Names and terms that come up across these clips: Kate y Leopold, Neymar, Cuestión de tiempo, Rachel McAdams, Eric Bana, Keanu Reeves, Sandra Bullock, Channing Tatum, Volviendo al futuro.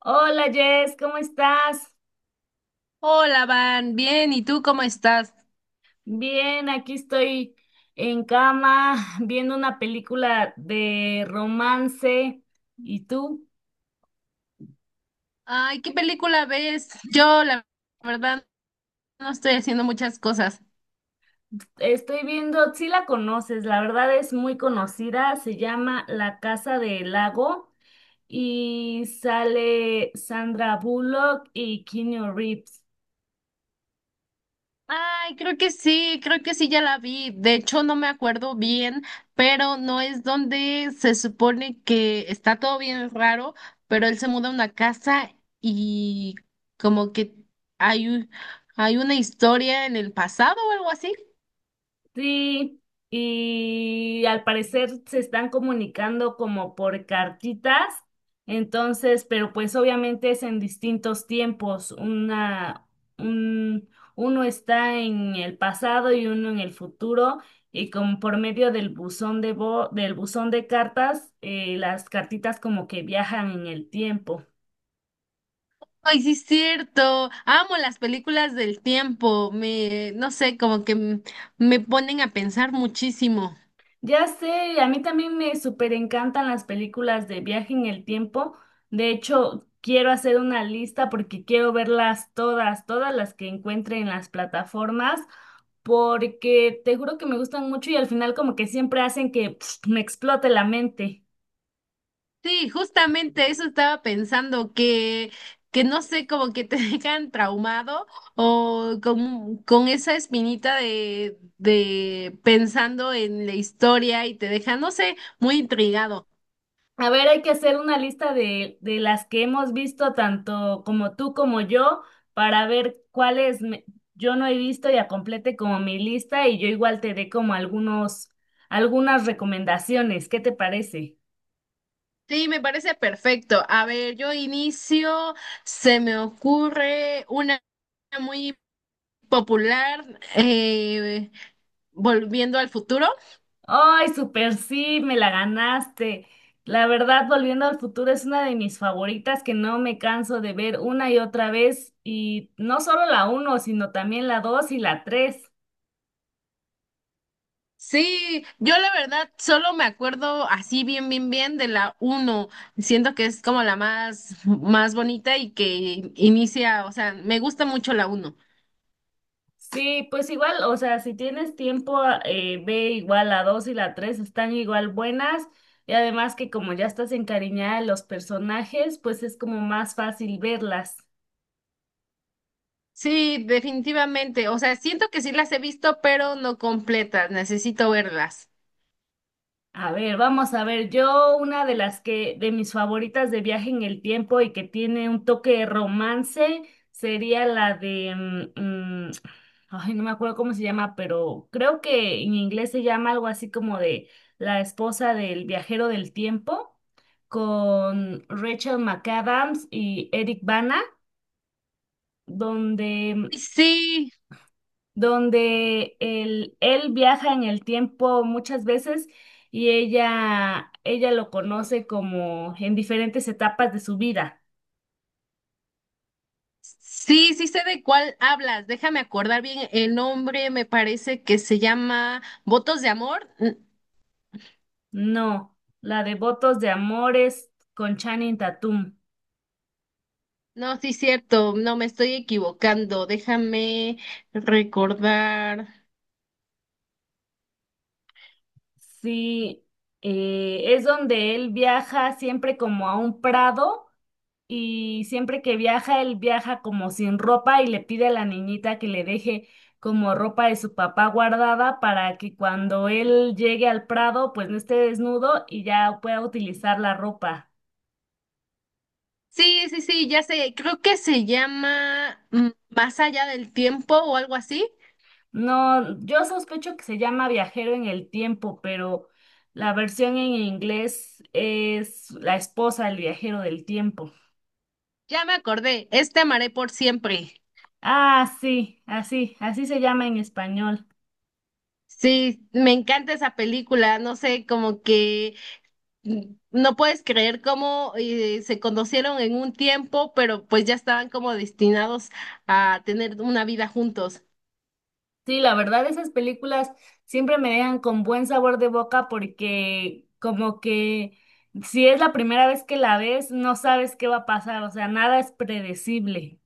Hola Jess, ¿cómo estás? Hola, Van, bien, ¿y tú cómo estás? Bien, aquí estoy en cama viendo una película de romance. ¿Y tú? Ay, ¿qué película ves? Yo, la verdad, no estoy haciendo muchas cosas. Estoy viendo, si la conoces, la verdad es muy conocida, se llama La Casa del Lago y sale Sandra Bullock y Keanu Reeves. Ay, creo que sí, ya la vi. De hecho, no me acuerdo bien, pero no es donde se supone que está todo bien raro, pero él se muda a una casa y como que hay, un- hay una historia en el pasado o algo así. Sí, y al parecer se están comunicando como por cartitas, entonces, pero pues obviamente es en distintos tiempos. Un, Uno está en el pasado y uno en el futuro, y como por medio del del buzón de cartas, las cartitas como que viajan en el tiempo. Ay, sí es cierto. Amo las películas del tiempo. No sé, como que me ponen a pensar muchísimo. Ya sé, a mí también me súper encantan las películas de viaje en el tiempo. De hecho, quiero hacer una lista porque quiero verlas todas, todas las que encuentre en las plataformas, porque te juro que me gustan mucho y al final como que siempre hacen que pf, me explote la mente. Sí, justamente eso estaba pensando, que no sé, como que te dejan traumado o con esa espinita de pensando en la historia y te dejan, no sé, muy intrigado. A ver, hay que hacer una lista de las que hemos visto, tanto como tú como yo, para ver yo no he visto y complete como mi lista y yo igual te dé como algunas recomendaciones. ¿Qué te parece? Sí, me parece perfecto. A ver, yo inicio, se me ocurre una muy popular, volviendo al futuro. Ay, super sí, me la ganaste. La verdad, Volviendo al futuro es una de mis favoritas que no me canso de ver una y otra vez y no solo la uno, sino también la dos y la tres. Sí, yo la verdad solo me acuerdo así bien, bien, bien de la uno. Siento que es como más bonita y que inicia, o sea, me gusta mucho la uno. Sí, pues igual, o sea, si tienes tiempo, ve igual la 2 y la 3 están igual buenas y además que como ya estás encariñada de los personajes, pues es como más fácil verlas. Sí, definitivamente. O sea, siento que sí las he visto, pero no completas. Necesito verlas. A ver, vamos a ver. Yo, una de las que, de mis favoritas de viaje en el tiempo y que tiene un toque de romance, sería la de, mm, mm, ay, no me acuerdo cómo se llama, pero creo que en inglés se llama algo así como de La esposa del viajero del tiempo, con Rachel McAdams y Eric Bana, donde Sí, donde él viaja en el tiempo muchas veces y ella lo conoce como en diferentes etapas de su vida. sí, sí sé de cuál hablas. Déjame acordar bien el nombre. Me parece que se llama Votos de Amor. No, la de Votos de Amores con Channing Tatum. No, sí, cierto, no me estoy equivocando. Déjame recordar. Sí, es donde él viaja siempre como a un prado y siempre que viaja, él viaja como sin ropa y le pide a la niñita que le deje como ropa de su papá guardada para que cuando él llegue al Prado, pues no esté desnudo y ya pueda utilizar la ropa. Sí, sí, sí, ya sé, creo que se llama Más allá del tiempo o algo así. No, yo sospecho que se llama Viajero en el Tiempo, pero la versión en inglés es La esposa del viajero del tiempo. Ya me acordé, este amaré por siempre. Ah, sí, así, así se llama en español. Sí, me encanta esa película, no sé, como que no puedes creer cómo se conocieron en un tiempo, pero pues ya estaban como destinados a tener una vida juntos. Sí, la verdad, esas películas siempre me dejan con buen sabor de boca porque como que si es la primera vez que la ves, no sabes qué va a pasar, o sea, nada es predecible.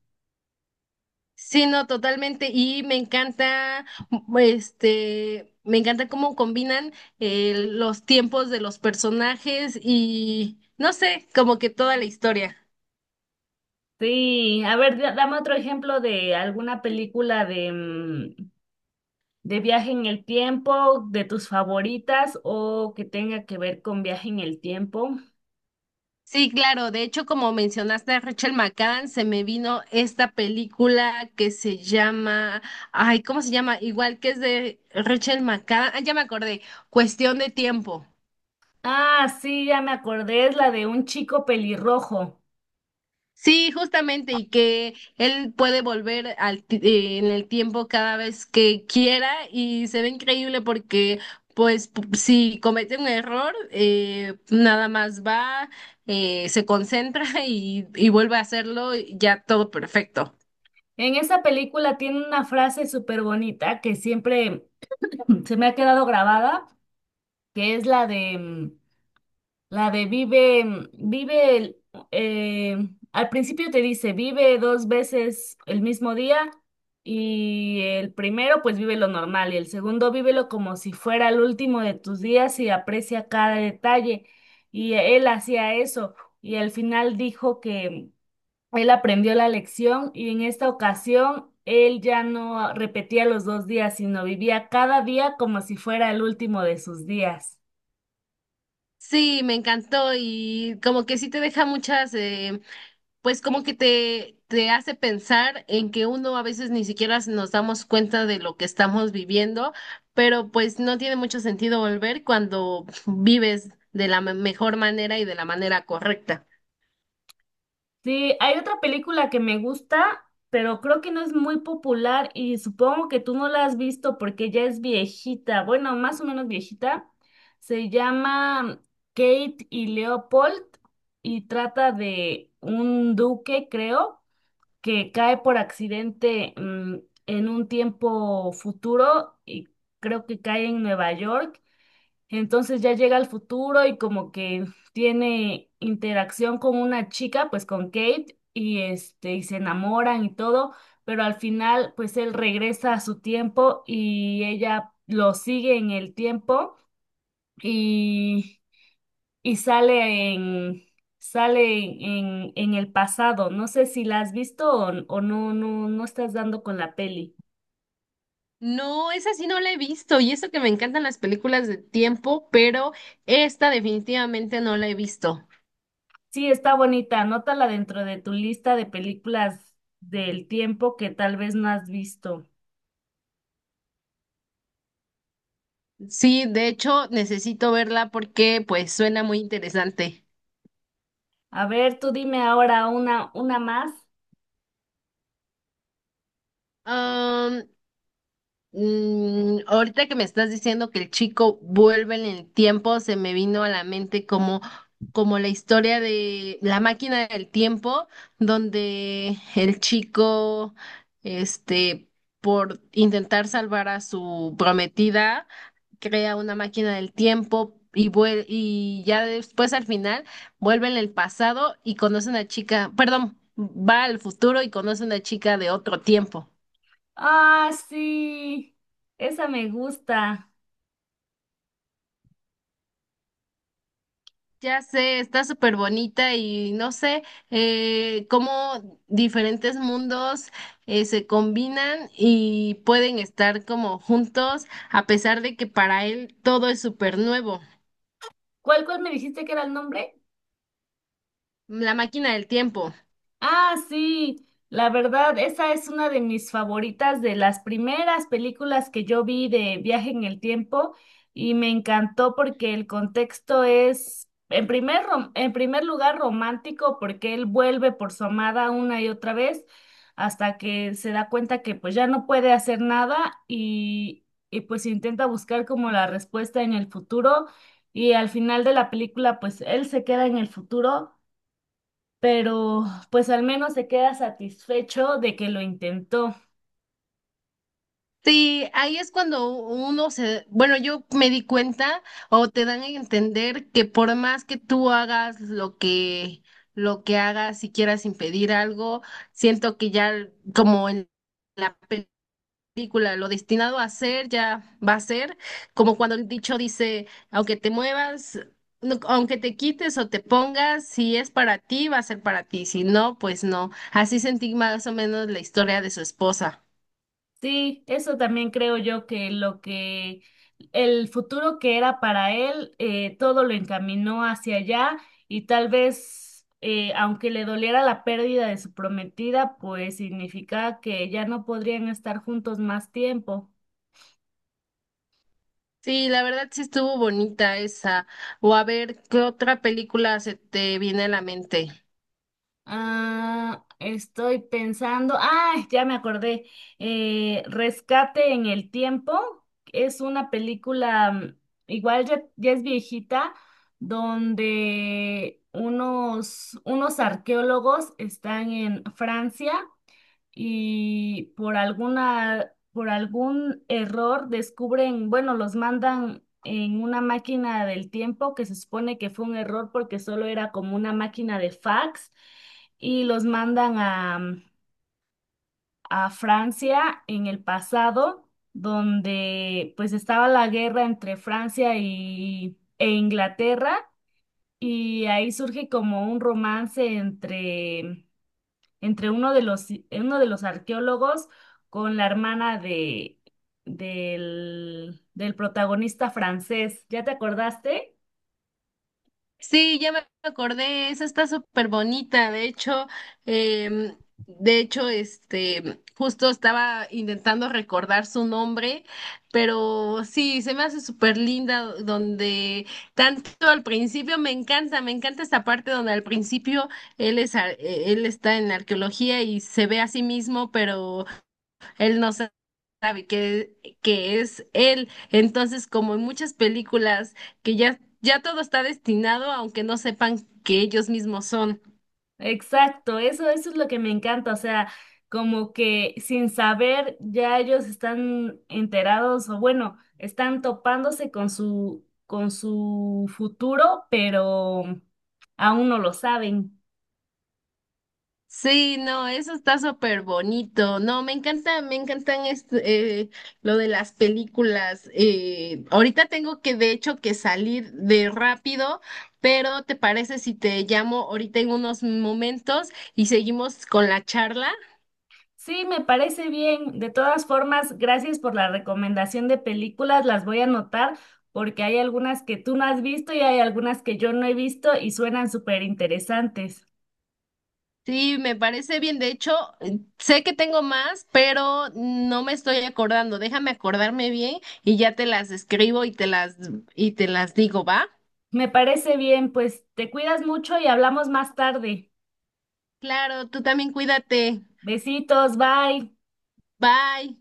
Sí, no, totalmente. Y me encanta, m- este, me encanta cómo combinan los tiempos de los personajes y, no sé, como que toda la historia. Sí, a ver, dame otro ejemplo de alguna película de viaje en el tiempo, de tus favoritas o que tenga que ver con viaje en el tiempo. Sí, claro. De hecho, como mencionaste a Rachel McAdams, se me vino esta película que se llama, ay, ¿cómo se llama? Igual que es de Rachel McAdams. Ah, ya me acordé. Cuestión de tiempo. Ah, sí, ya me acordé, es la de un chico pelirrojo. Sí, justamente, y que él puede volver en el tiempo cada vez que quiera y se ve increíble porque, pues, si comete un error, nada más va, se concentra y vuelve a hacerlo y ya todo perfecto. En esa película tiene una frase súper bonita que siempre se me ha quedado grabada, que es la de mm, la de vive, mm, vive el- eh, al principio te dice vive dos veces el mismo día y el primero pues vive lo normal y el segundo vívelo como si fuera el último de tus días y aprecia cada detalle y él hacía eso y al final dijo que él aprendió la lección y en esta ocasión él ya no repetía los dos días, sino vivía cada día como si fuera el último de sus días. Sí, me encantó y como que sí te deja muchas pues como que te hace pensar en que uno a veces ni siquiera nos damos cuenta de lo que estamos viviendo, pero pues no tiene mucho sentido volver cuando vives de la mejor manera y de la manera correcta. Sí, hay otra película que me gusta, pero creo que no es muy popular y supongo que tú no la has visto porque ya es viejita, bueno, más o menos viejita. Se llama Kate y Leopold y trata de un duque, creo que cae por accidente en un tiempo futuro y creo que cae en Nueva York. Entonces ya llega al futuro y como que tiene interacción con una chica, pues con Kate, y este, y se enamoran y todo, pero al final, pues él regresa a su tiempo y ella lo sigue en el tiempo. Y y sale en, sale en el pasado. No sé si la has visto o no, no, no estás dando con la peli. No, esa sí no la he visto y eso que me encantan las películas de tiempo, pero esta definitivamente no la he visto. Sí, está bonita, anótala dentro de tu lista de películas del tiempo que tal vez no has visto. Sí, de hecho necesito verla porque pues suena muy interesante. A ver, tú dime ahora una más. Ahorita que me estás diciendo que el chico vuelve en el tiempo, se me vino a la mente como, como la historia de la máquina del tiempo, donde el chico, este, por intentar salvar a su prometida, crea una máquina del tiempo y y ya después al final vuelve en el pasado y conoce a una chica, perdón, va al futuro y conoce a una chica de otro tiempo. Ah, sí, esa me gusta. Ya sé, está súper bonita y no sé cómo diferentes mundos se combinan y pueden estar como juntos a pesar de que para él todo es súper nuevo. ¿Cuál, cuál me dijiste que era el nombre? La máquina del tiempo. Ah, sí, la verdad, esa es una de mis favoritas, de las primeras películas que yo vi de Viaje en el Tiempo y me encantó porque el contexto es, en primer lugar, romántico porque él vuelve por su amada una y otra vez hasta que se da cuenta que pues ya no puede hacer nada y pues intenta buscar como la respuesta en el futuro y al final de la película pues él se queda en el futuro pero pues al menos se queda satisfecho de que lo intentó. Sí, ahí es cuando uno se, bueno, yo me di cuenta o te dan a entender que por más que tú hagas lo que hagas, si quieras impedir algo, siento que ya como en la película, lo destinado a ser ya va a ser, como cuando el dicho dice, aunque te muevas, aunque te quites o te pongas, si es para ti, va a ser para ti, si no, pues no. Así sentí más o menos la historia de su esposa. Sí, eso también creo yo que lo que el futuro que era para él, todo lo encaminó hacia allá y tal vez, aunque le doliera la pérdida de su prometida, pues significaba que ya no podrían estar juntos más tiempo. Sí, la verdad sí estuvo bonita esa. O a ver, ¿qué otra película se te viene a la mente? Ah, estoy pensando. Ah, ya me acordé. Rescate en el tiempo es una película, igual ya, ya es viejita, donde unos arqueólogos están en Francia y por por algún error descubren, bueno, los mandan en una máquina del tiempo que se supone que fue un error porque solo era como una máquina de fax y los mandan a Francia en el pasado, donde pues estaba la guerra entre Francia e Inglaterra y ahí surge como un romance entre uno de los arqueólogos con la hermana de, del, del protagonista francés. ¿Ya te acordaste? Sí, ya me acordé, esa está súper bonita, de hecho, em, de hecho, este, justo estaba intentando recordar su nombre, pero sí, se me hace súper linda donde tanto al principio, me encanta esta parte donde al principio él es, él está en la arqueología y se ve a sí mismo, pero él no sa- sabe que es él. Entonces, como en muchas películas, que ya, ya todo está destinado, aunque no sepan que ellos mismos son. Exacto, eso es lo que me encanta, o sea, como que sin saber ya ellos están enterados o bueno, están topándose con su futuro, pero aún no lo saben. Sí, no, eso está súper bonito. No, me encanta, me encantan este, lo de las películas. Ahorita tengo que, de hecho, que salir de rápido, pero ¿te parece si te llamo ahorita en unos momentos y seguimos con la charla? Sí, me parece bien. De todas formas, gracias por la recomendación de películas. Las voy a anotar porque hay algunas que tú no has visto y hay algunas que yo no he visto y suenan súper interesantes. Sí, me parece bien. De hecho, sé que tengo más, pero no me estoy acordando. Déjame acordarme bien y ya te las escribo y te las digo, ¿va? Me parece bien, pues te cuidas mucho y hablamos más tarde. Claro, tú también cuídate. Besitos, bye. Bye.